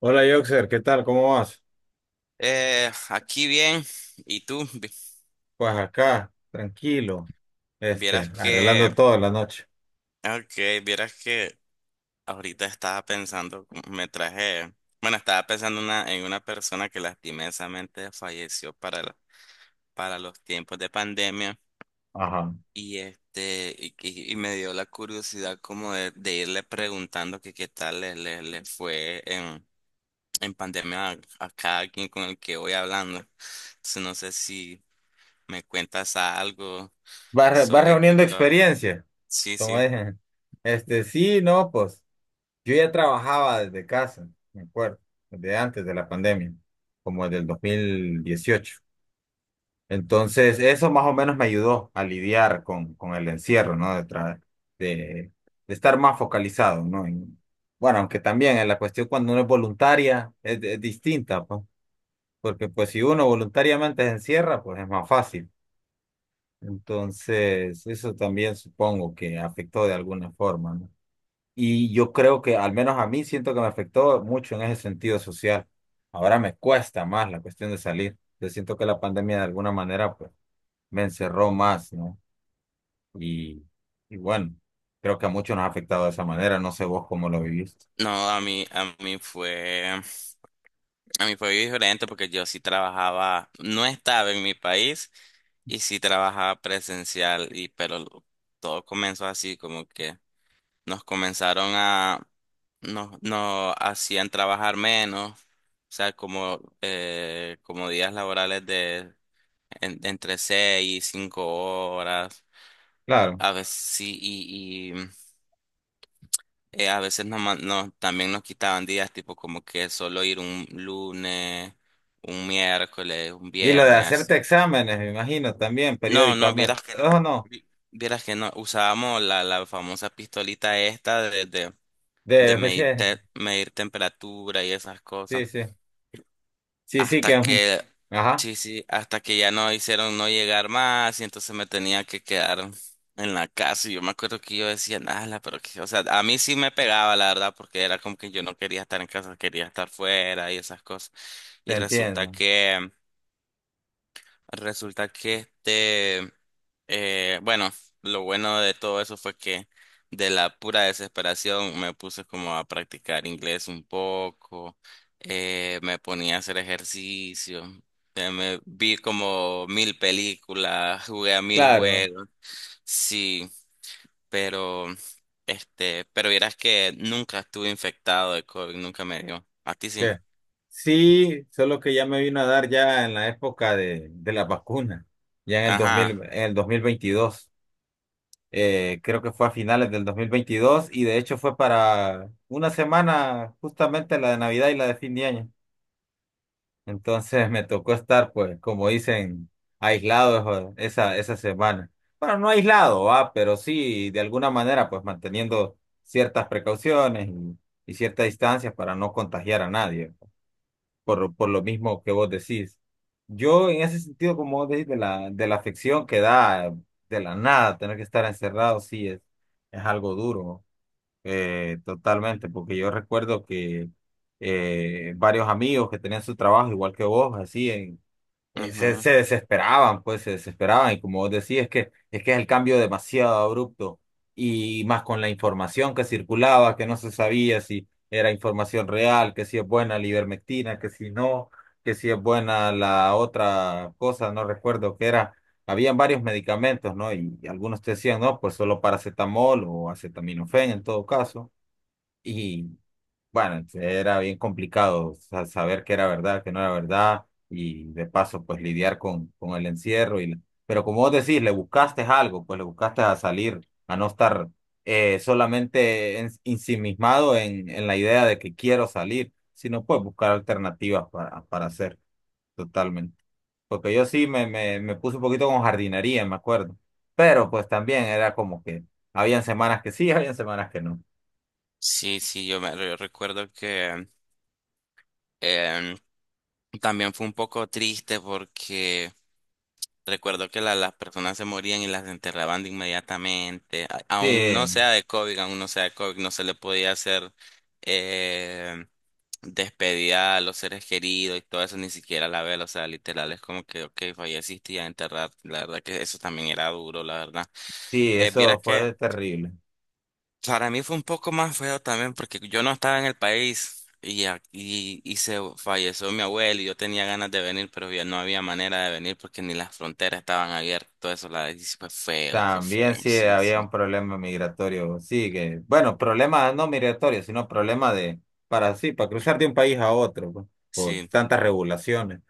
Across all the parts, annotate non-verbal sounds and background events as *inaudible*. Hola, Yoxer, ¿qué tal? ¿Cómo vas? Aquí bien. ¿Y tú? Pues acá, tranquilo, Vieras que, arreglando todo la noche. ok, vieras que ahorita estaba pensando, me traje, bueno, estaba pensando en una persona que lastimosamente falleció para los tiempos de pandemia. Ajá. Y este, y me dio la curiosidad como de irle preguntando que qué tal le fue en pandemia a cada quien con el que voy hablando. Entonces, no sé si me cuentas algo ¿ Vas sobre tu reuniendo historia. experiencia? Sí, Como sí. dije. Sí, no, pues yo ya trabajaba desde casa, me acuerdo, desde antes de la pandemia, como desde el 2018. Entonces, eso más o menos me ayudó a lidiar con el encierro, ¿no? De, de estar más focalizado, ¿no? Bueno, aunque también en la cuestión cuando uno es voluntaria es distinta, pues. Porque pues si uno voluntariamente se encierra, pues es más fácil. Entonces, eso también supongo que afectó de alguna forma, ¿no? Y yo creo que, al menos a mí, siento que me afectó mucho en ese sentido social. Ahora me cuesta más la cuestión de salir. Yo siento que la pandemia de alguna manera, pues, me encerró más, ¿no? Y, y bueno, creo que a muchos nos ha afectado de esa manera. No sé vos cómo lo viviste. No, a mí fue diferente porque yo sí trabajaba, no estaba en mi país y sí trabajaba presencial y todo comenzó así como que nos comenzaron a, nos hacían trabajar menos, o sea, como, como días laborales de entre seis y cinco horas, Claro. a veces sí, y a veces no man- nos- también nos quitaban días, tipo como que solo ir un lunes, un miércoles, un Y lo de viernes, hacerte así. exámenes, me imagino, también No, no, periódicamente. vieras que no, Oh, no. Vieras que no, usábamos la, la famosa pistolita esta desde de De medir, veces, medir temperatura y esas cosas. sí, sí. Sí, sí, Hasta ujú. que, Ajá, sí, sí, hasta que ya no hicieron no llegar más y entonces me tenía que quedar en la casa. Y yo me acuerdo que yo decía, nada, pero que, o sea, a mí sí me pegaba, la verdad, porque era como que yo no quería estar en casa, quería estar fuera y esas cosas. te Y resulta entiendo. que Resulta que este, bueno, lo bueno de todo eso fue que de la pura desesperación me puse como a practicar inglés un poco, me ponía a hacer ejercicio, me vi como mil películas, jugué a mil Claro, juegos, sí, pero este, pero vieras que nunca estuve infectado de COVID, nunca me dio. A ti sí. que sí, solo que ya me vino a dar ya en la época de las vacunas, ya en el Ajá. en el 2022. Creo que fue a finales del 2022 y de hecho fue para una semana justamente la de Navidad y la de fin de año. Entonces me tocó estar, pues, como dicen, aislado esa semana. Bueno, no aislado, pero sí, de alguna manera, pues manteniendo ciertas precauciones y ciertas distancias para no contagiar a nadie, por lo mismo que vos decís. Yo, en ese sentido, como vos decís, de de la afección que da de la nada, tener que estar encerrado, sí, es algo duro. Totalmente, porque yo recuerdo que varios amigos que tenían su trabajo, igual que vos, así Ujú. se desesperaban, pues se desesperaban. Y como vos decís, es que es el cambio demasiado abrupto. Y más con la información que circulaba, que no se sabía si era información real, que si es buena la ivermectina, que si no, que si es buena la otra cosa, no recuerdo que era. Habían varios medicamentos, ¿no? Y algunos te decían, no, pues solo paracetamol o acetaminofén en todo caso. Bueno, era bien complicado saber qué era verdad, qué no era verdad, y de paso, pues lidiar con el encierro. Pero como vos decís, le buscaste algo, pues le buscaste a salir, a no estar solamente ensimismado en la idea de que quiero salir, sino pues buscar alternativas para hacer totalmente. Porque yo sí me puse un poquito con jardinería, me acuerdo. Pero pues también era como que habían semanas que sí, habían semanas que no. Sí, sí, yo recuerdo que em, también fue un poco triste porque recuerdo que las personas se morían y las enterraban de inmediatamente. Aún no Sí. sea de COVID, aún no sea de COVID, no se le podía hacer eh, despedida a los seres queridos y todo eso, ni siquiera la vela. O sea, literal es como que, ok, falleciste y a enterrar. La verdad que eso también era duro, la verdad. Sí, eso Vieras que fue terrible. para mí fue un poco más feo también porque yo no estaba en el país y se falleció mi abuelo y yo tenía ganas de venir, pero ya no había manera de venir porque ni las fronteras estaban abiertas, todo eso, la, y sí fue También feo, sí sí, sí, había un problema migratorio, sí que, bueno, problema no migratorio, sino problema de, para sí, para cruzar de un país a otro, pues, por sí, tantas regulaciones.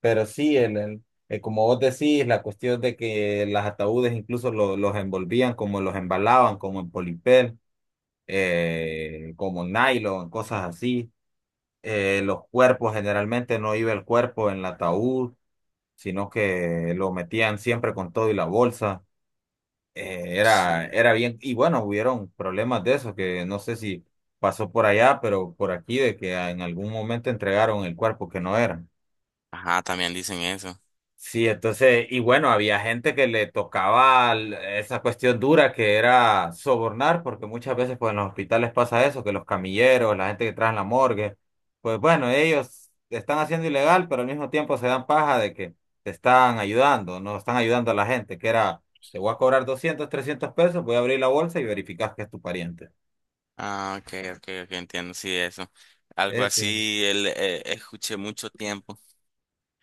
Pero sí, como vos decís, la cuestión de que las ataúdes incluso los envolvían, como los embalaban, como en polipel, como nylon, cosas así. Los cuerpos, generalmente no iba el cuerpo en el ataúd, sino que lo metían siempre con todo y la bolsa. Sí. Era bien, y bueno, hubieron problemas de eso, que no sé si pasó por allá, pero por aquí, de que en algún momento entregaron el cuerpo que no era. Ajá, también dicen eso. Sí, entonces, y bueno, había gente que le tocaba esa cuestión dura que era sobornar, porque muchas veces pues en los hospitales pasa eso, que los camilleros, la gente que trae en la morgue, pues bueno, ellos están haciendo ilegal, pero al mismo tiempo se dan paja de que te están ayudando, no están ayudando a la gente, que era, te voy a cobrar 200 300 pesos, voy a abrir la bolsa y verificas que es tu pariente. Ah, ok, ok, ok, entiendo, sí, eso. Algo Este, así el, escuché mucho tiempo.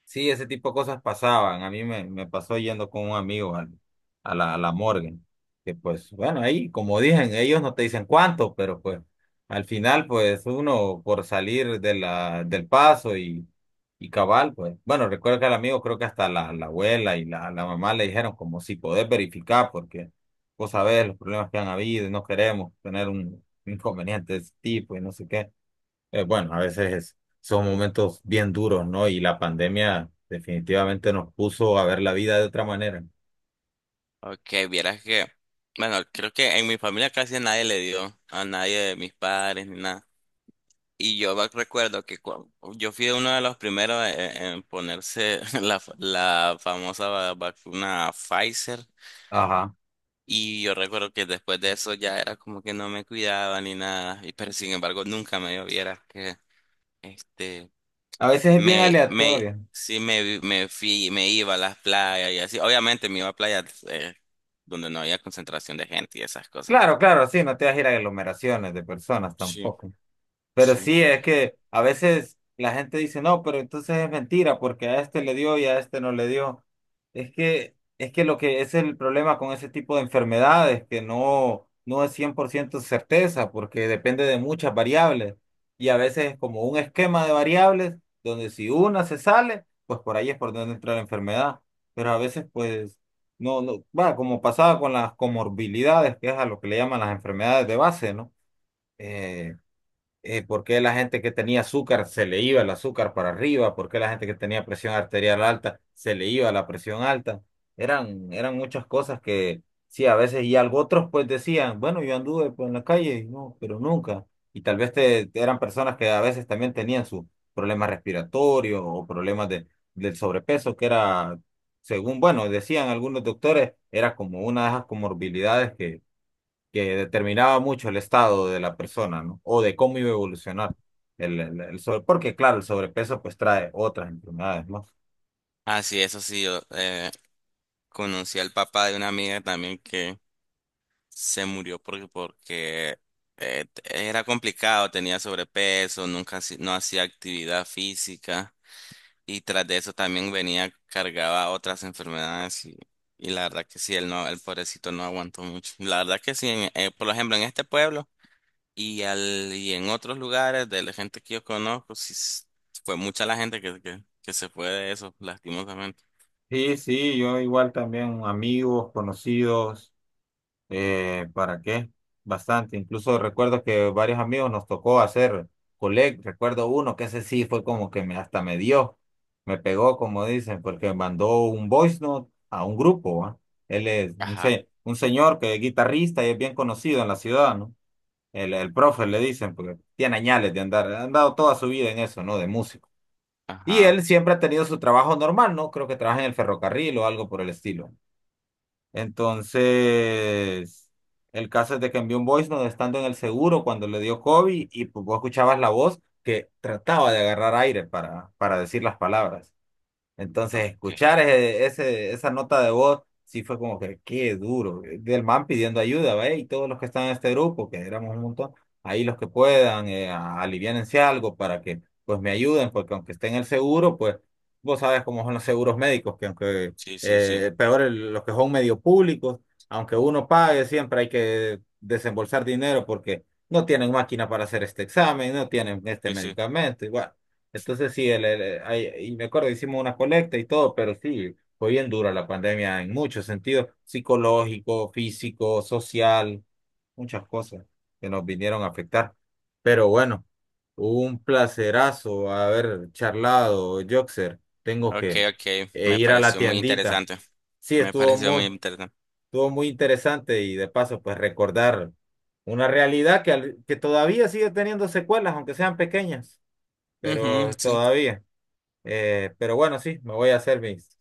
Sí, ese tipo de cosas pasaban. A mí me pasó yendo con un amigo a a la morgue. Que pues, bueno, ahí, como dicen, ellos no te dicen cuánto, pero pues al final, pues uno por salir de del paso y cabal, pues, bueno, recuerdo que al amigo creo que hasta la abuela y la mamá le dijeron como si podés verificar, porque vos sabés los problemas que han habido y no queremos tener un inconveniente de ese tipo y no sé qué. Bueno, a veces son momentos bien duros, ¿no? Y la pandemia definitivamente nos puso a ver la vida de otra manera. Ok, vieras que, bueno, creo que en mi familia casi a nadie le dio, a nadie de mis padres ni nada. Y yo me recuerdo que yo fui uno de los primeros en ponerse *laughs* la famosa vacuna Pfizer. Ajá. Y yo recuerdo que después de eso ya era como que no me cuidaba ni nada. Y, pero sin embargo nunca me lloviera que este A veces es bien aleatoria. Me fui, me iba a las playas y así. Obviamente me iba a playas donde no había concentración de gente y esas cosas, pero Claro, claro, sí, no te vas a ir a aglomeraciones de personas sí, tampoco. Pero sí. sí, es que a veces la gente dice, no, pero entonces es mentira porque a este le dio y a este no le dio. Es que lo que es el problema con ese tipo de enfermedades, que no, no es 100% certeza porque depende de muchas variables. Y a veces es como un esquema de variables donde si una se sale, pues por ahí es por donde entra la enfermedad. Pero a veces pues no, no, va, como pasaba con las comorbilidades, que es a lo que le llaman las enfermedades de base, ¿no? Eh, por qué la gente que tenía azúcar se le iba el azúcar para arriba, por qué la gente que tenía presión arterial alta se le iba la presión alta. Eran muchas cosas que sí, a veces y algo otros pues decían, bueno, yo anduve pues, en la calle, no, pero nunca. Y tal vez te, eran personas que a veces también tenían sus problemas respiratorios o problemas de, del sobrepeso, que era, según, bueno, decían algunos doctores, era como una de esas comorbilidades que determinaba mucho el estado de la persona, ¿no? O de cómo iba a evolucionar el porque claro, el sobrepeso pues trae otras enfermedades, ¿no? Ah, sí, eso sí, yo conocí al papá de una amiga también. Se murió porque, porque era complicado, tenía sobrepeso, nunca haci- no hacía actividad física y tras de eso también venía cargaba otras enfermedades y la verdad que sí, él no, el pobrecito no aguantó mucho. La verdad que sí, por ejemplo, en este pueblo y en otros lugares de la gente que yo conozco, fue mucha la gente que se fue de eso, lastimosamente. Sí, sí, yo igual también amigos, conocidos, ¿para qué? Bastante, incluso recuerdo que varios amigos nos tocó hacer collect, recuerdo uno que ese sí fue como que hasta me dio, me pegó como dicen, porque me mandó un voice note a un grupo, ¿va? Él es Ajá, un señor que es guitarrista y es bien conocido en la ciudad, ¿no? El profe le dicen, porque tiene añales de andar, han dado toda su vida en eso, ¿no? De músico. Y ajá, él siempre ha tenido su trabajo normal, ¿no? Creo que trabaja en el ferrocarril o algo por el estilo. Entonces, el caso es de que envió un voice note estando en el seguro cuando le dio COVID y pues vos escuchabas la voz que trataba de agarrar aire para decir las palabras. Entonces, ok. escuchar esa nota de voz, sí fue como que qué duro. Del man pidiendo ayuda, ¿ve? Y todos los que están en este grupo, que éramos un montón, ahí los que puedan, aliviánense algo para que pues me ayuden, porque aunque esté en el seguro, pues vos sabes cómo son los seguros médicos, que aunque Sí, sí, sí. Peor los que son medio públicos, aunque uno pague, siempre hay que desembolsar dinero porque no tienen máquina para hacer este examen, no tienen este Sí, sí. medicamento, igual. Entonces sí, y me acuerdo, hicimos una colecta y todo, pero sí, fue bien dura la pandemia en muchos sentidos, psicológico, físico, social, muchas cosas que nos vinieron a afectar. Pero bueno, un placerazo haber charlado, Joxer. Tengo Ok, que ok, me ir a la pareció muy tiendita. interesante. Sí, Me pareció muy interesante. estuvo muy interesante y de paso, pues recordar una realidad que, que todavía sigue teniendo secuelas, aunque sean pequeñas, Ujú, pero sí. todavía. Pero bueno, sí, me voy a hacer mis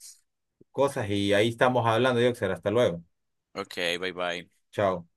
cosas y ahí estamos hablando, Yoxer. Hasta luego. Ok, bye bye. Chao.